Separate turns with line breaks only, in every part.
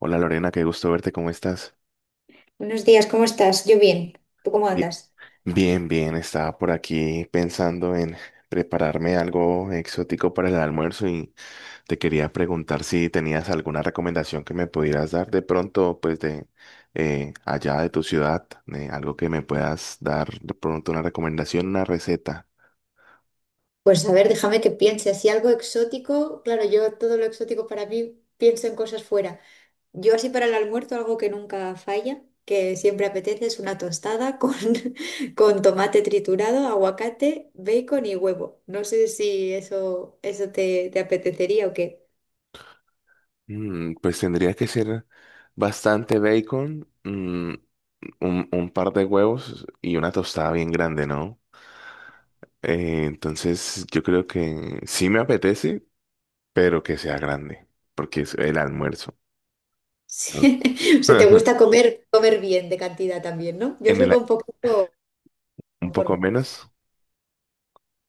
Hola Lorena, qué gusto verte, ¿cómo estás?
Buenos días, ¿cómo estás? Yo bien. ¿Tú cómo
Bi-
andas?
Bien, bien, estaba por aquí pensando en prepararme algo exótico para el almuerzo y te quería preguntar si tenías alguna recomendación que me pudieras dar de pronto, pues de allá de tu ciudad, algo que me puedas dar de pronto una recomendación, una receta.
Pues a ver, déjame que piense, así algo exótico, claro, yo todo lo exótico para mí pienso en cosas fuera. Yo así para el almuerzo algo que nunca falla, que siempre apetece es una tostada con, con tomate triturado, aguacate, bacon y huevo. No sé si eso, eso te apetecería o qué.
Mm, pues tendría que ser bastante bacon, mm, un par de huevos y una tostada bien grande, ¿no? Entonces, yo creo que sí me apetece, pero que sea grande, porque es el almuerzo. Ajá.
Sí. O sea, te gusta comer, comer bien de cantidad también, ¿no? Yo
En
soy
el,
con poquito
un poco
conformo.
menos,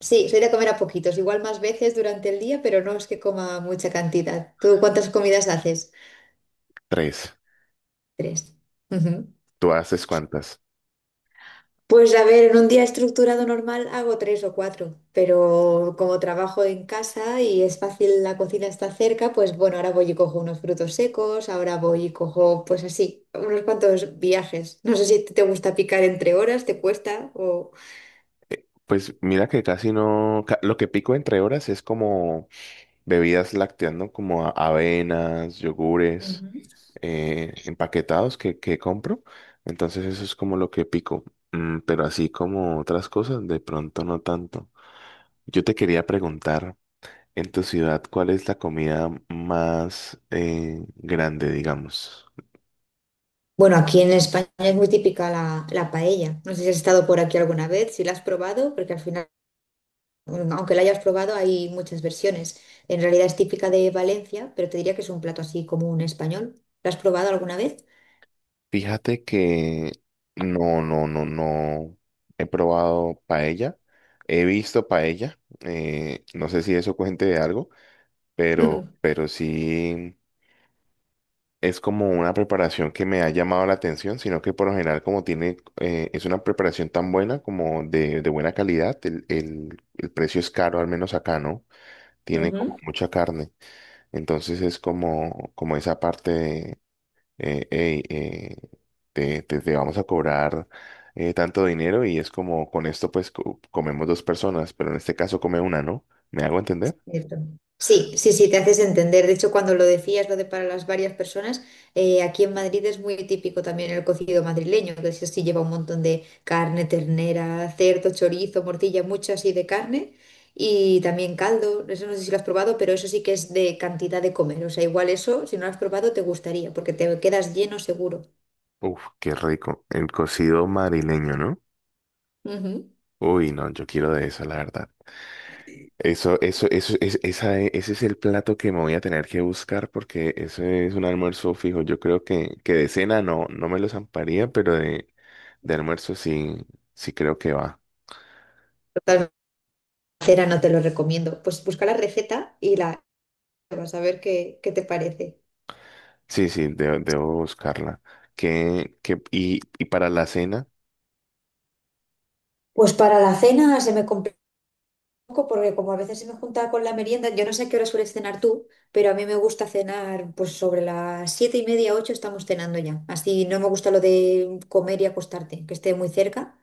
Sí, soy de comer a poquitos, igual más veces durante el día, pero no es que coma mucha cantidad. ¿Tú cuántas comidas haces?
tres.
Tres. Ujú.
¿Tú haces cuántas?
Pues a ver, en un día estructurado normal hago tres o cuatro, pero como trabajo en casa y es fácil, la cocina está cerca, pues bueno, ahora voy y cojo unos frutos secos, ahora voy y cojo, pues así, unos cuantos viajes. No sé si te gusta picar entre horas, te cuesta o...
Pues mira que casi no, lo que pico entre horas es como bebidas lácteas, ¿no? Como avenas, yogures, empaquetados que compro. Entonces eso es como lo que pico. Mm, pero así como otras cosas, de pronto no tanto. Yo te quería preguntar. En tu ciudad, ¿cuál es la comida más grande, digamos?
Bueno, aquí en España es muy típica la paella. No sé si has estado por aquí alguna vez, si la has probado, porque al final, aunque la hayas probado, hay muchas versiones. En realidad es típica de Valencia, pero te diría que es un plato así como un español. ¿La has probado alguna vez?
Fíjate que no he probado paella. He visto paella. No sé si eso cuente de algo, pero sí es como una preparación que me ha llamado la atención, sino que por lo general como tiene, es una preparación tan buena como de buena calidad, el precio es caro, al menos acá, ¿no? Tiene como
Ujú.
mucha carne. Entonces es como, como esa parte de, "Ey, te, te vamos a cobrar tanto dinero y es como con esto pues comemos dos personas, pero en este caso come una, ¿no? ¿Me hago entender?
Cierto. Sí, sí, sí, te haces entender. De hecho, cuando lo decías, lo de para las varias personas, aquí en Madrid es muy típico también el cocido madrileño, que eso sí lleva un montón de carne, ternera, cerdo, chorizo, morcilla, mucho así de carne y también caldo. Eso no sé si lo has probado, pero eso sí que es de cantidad de comer. O sea, igual eso, si no lo has probado, te gustaría, porque te quedas lleno seguro.
Uf, qué rico. El cocido marileño, ¿no?
Ujú.
Uy, no, yo quiero de eso, la verdad. Eso, es, esa, ese es el plato que me voy a tener que buscar porque ese es un almuerzo fijo. Yo creo que de cena no, no me lo zamparía, pero de almuerzo sí, sí creo que va.
Total, cera no te lo recomiendo. Pues busca la receta y la vas a ver qué, qué te parece.
Sí, sí, debo buscarla. ¿Qué, y para la cena?
Pues para la cena se me complicó. Poco porque como a veces se me junta con la merienda, yo no sé a qué hora sueles cenar tú, pero a mí me gusta cenar pues sobre las siete y media, ocho estamos cenando ya. Así no me gusta lo de comer y acostarte, que esté muy cerca.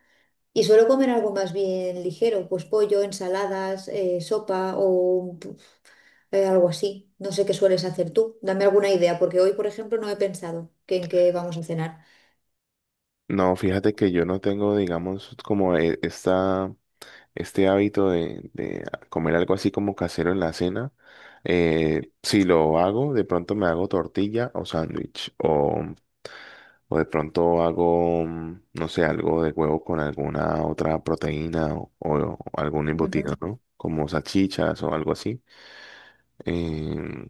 Y suelo comer algo más bien ligero, pues pollo, ensaladas, sopa o algo así. No sé qué sueles hacer tú. Dame alguna idea, porque hoy, por ejemplo, no he pensado que en qué vamos a cenar.
No, fíjate que yo no tengo, digamos, como este hábito de comer algo así como casero en la cena. Si lo hago, de pronto me hago tortilla o sándwich. O de pronto hago, mm, no sé, algo de huevo con alguna otra proteína o algún embutido,
Ujú.
¿no? Como salchichas o algo así. Em,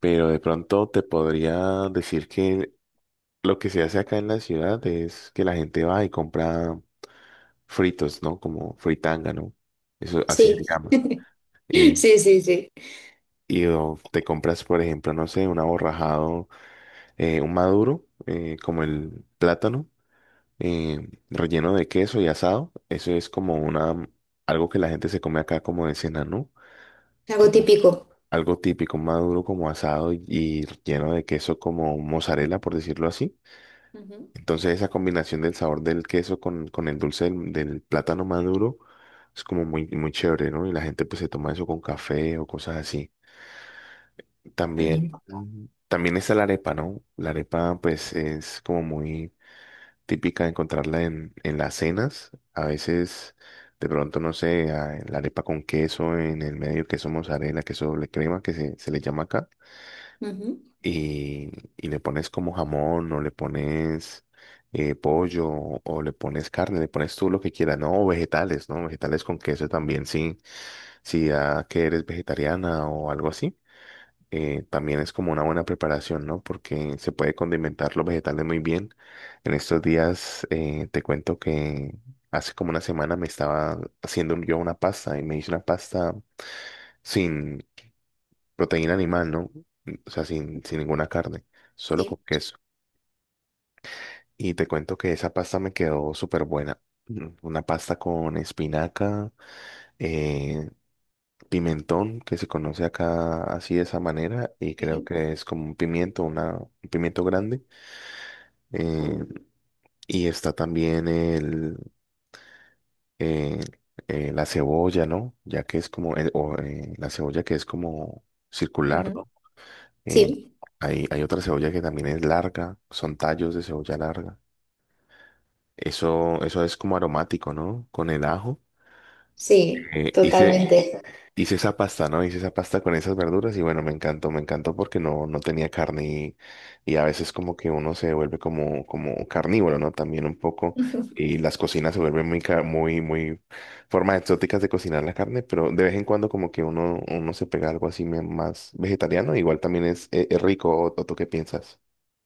pero de pronto te podría decir que lo que se hace acá en la ciudad es que la gente va y compra fritos, ¿no? Como fritanga, ¿no? Eso así se
Sí,
llama. Y,
sí, sí, sí.
y o te compras, por ejemplo, no sé, un aborrajado, un maduro, como el plátano, eh, relleno de queso y asado. Eso es como una, algo que la gente se come acá como de cena, ¿no?
Algo
Como
típico.
algo típico, un maduro como asado y lleno de queso como mozzarella, por decirlo así.
Ujú.
Entonces esa combinación del sabor del queso con el dulce del, del plátano maduro es como muy, muy chévere, ¿no? Y la gente pues se toma eso con café o cosas así. También,
También.
mm, también está la arepa, ¿no? La arepa pues es como muy típica de encontrarla en las cenas. A veces de pronto, no sé, la arepa con queso en el medio, queso mozzarella, queso doble crema que se le llama acá
Ujú.
y, y le pones como jamón o le pones pollo o le pones carne, le pones tú lo que quieras, no, o vegetales, ¿no? Vegetales con queso también, sí. Si ya que eres vegetariana o algo así, también es como una buena preparación, ¿no? Porque se puede condimentar los vegetales muy bien. En estos días te cuento que hace como una semana me estaba haciendo yo una pasta y me hice una pasta sin proteína animal, ¿no? O sea, sin ninguna carne, solo
Sí.
con queso. Y te cuento que esa pasta me quedó súper buena. Mm, una pasta con espinaca, eh, pimentón, que se conoce acá así de esa manera, y creo
Sí.
que es como un pimiento, una, un pimiento grande. eh, y está también el, eh, la cebolla, ¿no? Ya que es como, la cebolla que es como circular,
Ujú.
¿no? Eh,
Sí,
hay otra cebolla que también es larga, son tallos de cebolla larga. Eso es como aromático, ¿no? Con el ajo.
sí,
Eh, hice,
totalmente.
hice esa pasta, ¿no? Hice esa pasta con esas verduras y bueno, me encantó porque no, no tenía carne y a veces como que uno se vuelve como, como carnívoro, ¿no? También un poco y las cocinas se vuelven muy, muy, muy formas exóticas de cocinar la carne, pero de vez en cuando como que uno, uno se pega algo así más vegetariano, igual también es rico, ¿o tú qué piensas?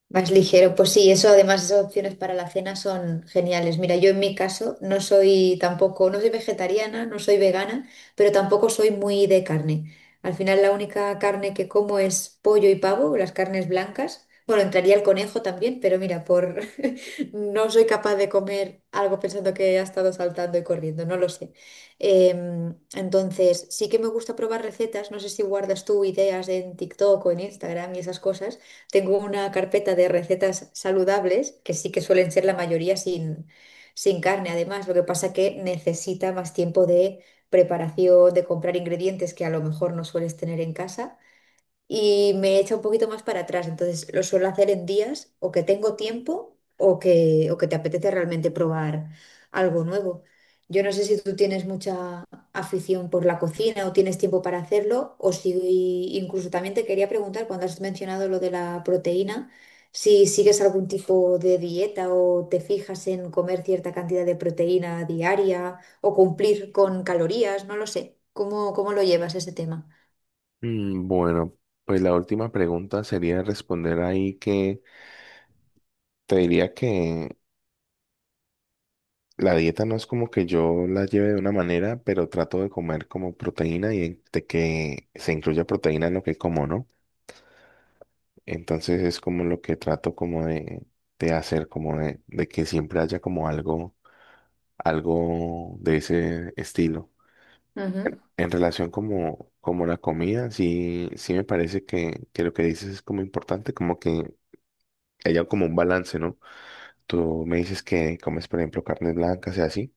Más ligero, pues sí, eso además esas opciones para la cena son geniales. Mira, yo en mi caso no soy tampoco, no soy vegetariana, no soy vegana, pero tampoco soy muy de carne. Al final la única carne que como es pollo y pavo, las carnes blancas. Bueno, entraría el conejo también, pero mira, por no soy capaz de comer algo pensando que ha estado saltando y corriendo, no lo sé. Entonces, sí que me gusta probar recetas, no sé si guardas tú ideas en TikTok o en Instagram y esas cosas tengo una carpeta de recetas saludables, que sí que suelen ser la mayoría sin carne, además. Lo que pasa que necesita más tiempo de preparación, de comprar ingredientes que a lo mejor no sueles tener en casa y me echa un poquito más para atrás. Entonces lo suelo hacer en días o que tengo tiempo o que te apetece realmente probar algo nuevo. Yo no sé si tú tienes mucha afición por la cocina o tienes tiempo para hacerlo, o si incluso también te quería preguntar cuando has mencionado lo de la proteína, si sigues algún tipo de dieta o te fijas en comer cierta cantidad de proteína diaria o cumplir con calorías, no lo sé. ¿Cómo, cómo lo llevas ese tema?
Mm, bueno, pues la última pregunta sería responder ahí que te diría que la dieta no es como que yo la lleve de una manera, pero trato de comer como proteína y de que se incluya proteína en lo que como, ¿no? Entonces es como lo que trato como de hacer, como de que siempre haya como algo, algo de ese estilo.
Ujú,
En relación como, como la comida, sí, sí me parece que lo que dices es como importante, como que haya como un balance, ¿no? Tú me dices que comes, por ejemplo, carnes blancas y así,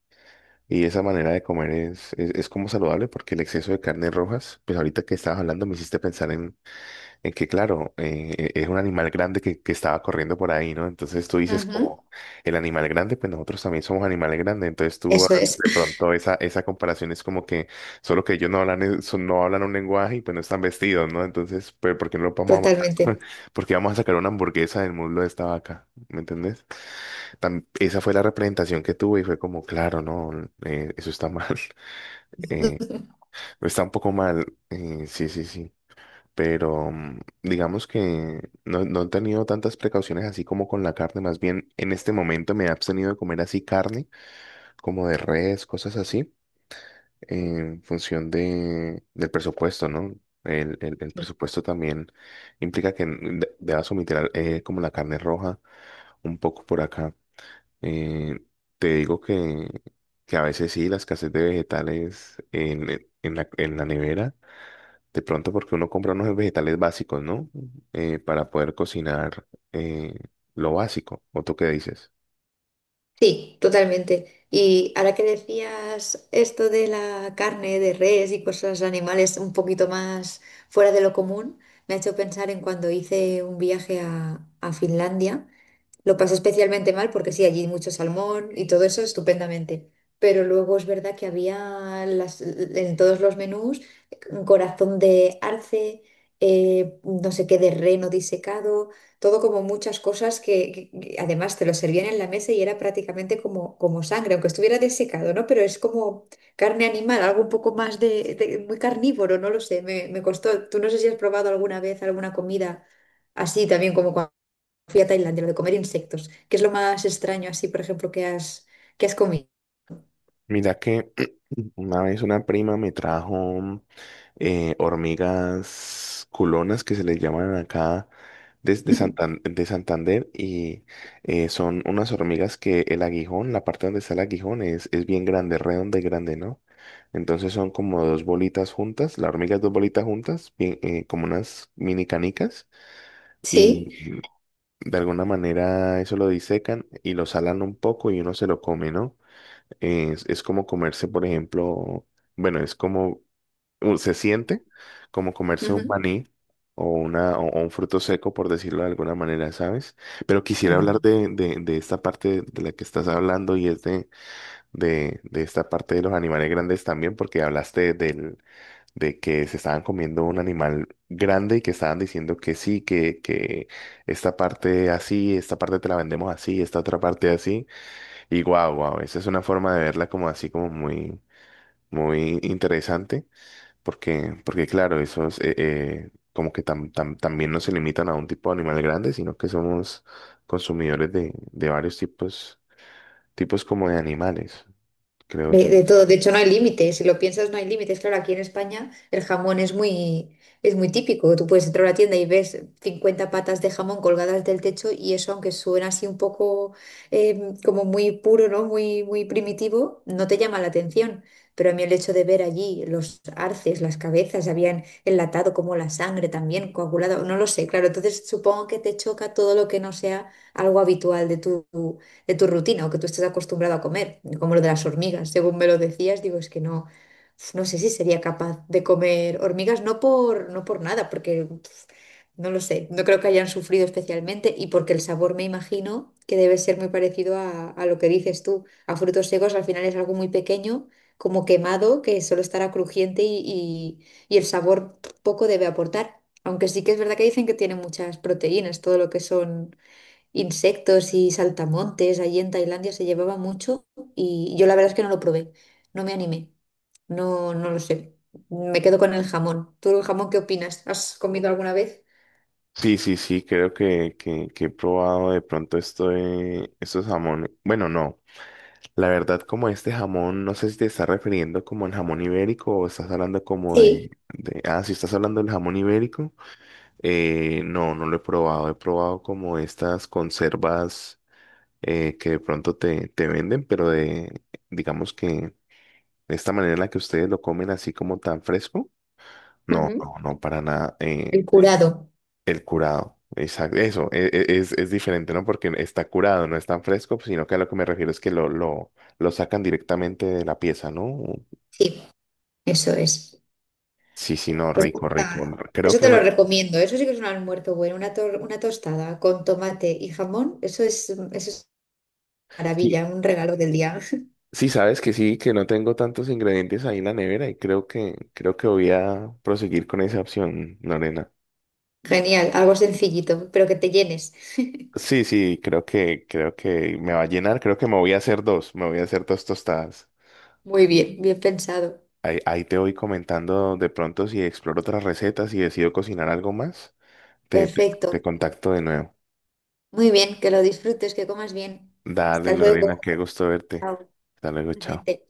y esa manera de comer es como saludable porque el exceso de carnes rojas, pues ahorita que estabas hablando me hiciste pensar es que claro, es un animal grande que estaba corriendo por ahí, ¿no? Entonces tú dices
ujú.
como el animal grande, pues nosotros también somos animales grandes. Entonces tú ah,
Eso es,
de pronto esa, esa comparación es como que solo que ellos no hablan, no hablan un lenguaje y pues no están vestidos, ¿no? Entonces, pues ¿por qué no lo vamos a
totalmente.
matar? Porque vamos a sacar una hamburguesa del muslo de esta vaca, ¿me entendés? Esa fue la representación que tuve y fue como, claro, no, eso está mal. Eh, está un poco mal. Sí, sí, sí pero mm, digamos que no, no he tenido tantas precauciones así como con la carne, más bien en este momento me he abstenido de comer así carne, como de res, cosas así, en función de, del presupuesto, ¿no? El, el
Sí,
presupuesto también implica que debas omitir como la carne roja un poco por acá. Eh, Te digo que a veces sí, la escasez de vegetales en la nevera. De pronto porque uno compra unos vegetales básicos, ¿no? Para poder cocinar lo básico. ¿O tú qué dices?
sí, totalmente. Y ahora que decías esto de la carne de res y cosas animales un poquito más fuera de lo común, me ha hecho pensar en cuando hice un viaje a Finlandia. Lo pasé especialmente mal porque sí, allí mucho salmón y todo eso estupendamente. Pero luego es verdad que había las, en todos los menús un corazón de arce, no sé qué de reno disecado, todo como muchas cosas que, que además te lo servían en la mesa y era prácticamente como, como sangre, aunque estuviera desecado, ¿no? Pero es como carne animal, algo un poco más de- muy carnívoro, no lo sé, me costó. Tú no sé si has probado alguna vez alguna comida así también como fui a Tailandia, lo de comer insectos, que es lo más extraño así, por ejemplo, que has comido.
Mira que una vez una prima me trajo hormigas culonas que se les llaman acá desde de Santander y son unas hormigas que el aguijón, la parte donde está el aguijón es bien grande, redonda y grande, ¿no? Entonces son como dos bolitas juntas, la hormiga es dos bolitas juntas, bien, como unas mini canicas.
Sí.
Y de alguna manera eso lo disecan y lo salan un poco y uno se lo come, ¿no? Es como comerse, por ejemplo, bueno, es como, se siente como comerse un
Ujú,
maní o, una, o un fruto seco, por decirlo de alguna manera, ¿sabes? Pero quisiera
claro.
hablar de esta parte de la que estás hablando y es de esta parte de los animales grandes también, porque hablaste del, de que se estaban comiendo un animal grande y que estaban diciendo que sí, que esta parte así, esta parte te la vendemos así, esta otra parte así. Y guau, guau, esa es una forma de verla como así como muy, muy interesante, porque, porque claro, esos como que también no se limitan a un tipo de animal grande, sino que somos consumidores de varios tipos, tipos como de animales, creo yo.
De todo, de hecho no hay límites, si lo piensas no hay límites. Claro, aquí en España el jamón es muy típico. Tú puedes entrar a la tienda y ves 50 patas de jamón colgadas del techo y eso, aunque suena así un poco como muy puro, ¿no? Muy, muy primitivo, no te llama la atención. Pero a mí el hecho de ver allí los arces, las cabezas, habían enlatado como la sangre también, coagulada, no lo sé, claro. Entonces supongo que te choca todo lo que no sea algo habitual de tu rutina o que tú estés acostumbrado a comer, como lo de las hormigas, según me lo decías, digo, es que no, uf, no sé si sería capaz de comer hormigas, no por, no por nada, porque uf, no lo sé, no creo que hayan sufrido especialmente y porque el sabor me imagino que debe ser muy parecido a lo que dices tú, a frutos secos al final es algo muy pequeño, como quemado, que solo estará crujiente y y el sabor poco debe aportar. Aunque sí que es verdad que dicen que tiene muchas proteínas, todo lo que son insectos y saltamontes. Allí en Tailandia se llevaba mucho y yo la verdad es que no lo probé, no me animé, no, no lo sé. Me quedo con el jamón. ¿Tú el jamón qué opinas? ¿Has comido alguna vez?
Sí, sí, sí, creo que he probado de pronto esto de estos jamones. Bueno, no, la verdad como este jamón, no sé si te estás refiriendo como al jamón ibérico o estás hablando como
Sí.
de- Ah, si estás hablando del jamón ibérico, no, no lo he probado. He probado como estas conservas que de pronto te, te venden, pero de, digamos que de esta manera en la que ustedes lo comen así como tan fresco. No,
Ujú.
no, no, para nada.
El curado.
El curado, exacto, eso es diferente, ¿no? Porque está curado, no es tan fresco, pues, sino que a lo que me refiero es que lo sacan directamente de la pieza, ¿no?
Sí, eso es.
Sí, sí, no,
Pues
rico, rico. No,
ah,
creo
eso
que
te
me...
lo recomiendo. Eso sí que es un almuerzo bueno. Una, tor- una tostada con tomate y jamón. Eso es
Sí,
maravilla, un regalo del día.
sí, sabes que sí, que no tengo tantos ingredientes ahí en la nevera y creo que voy a proseguir con esa opción, Lorena.
Genial, algo sencillito, pero que te llenes.
Sí, sí, creo que me va a llenar, creo que me voy a hacer dos, me voy a hacer dos tostadas.
Muy bien, bien pensado.
Ahí, ahí te voy comentando de pronto si exploro otras recetas y decido cocinar algo más. Te
Perfecto.
contacto de nuevo.
Muy bien, que lo disfrutes, que comas bien.
Dale,
Hasta luego.
Lorena, qué gusto verte.
Chao.
Hasta luego, chao.
Igualmente.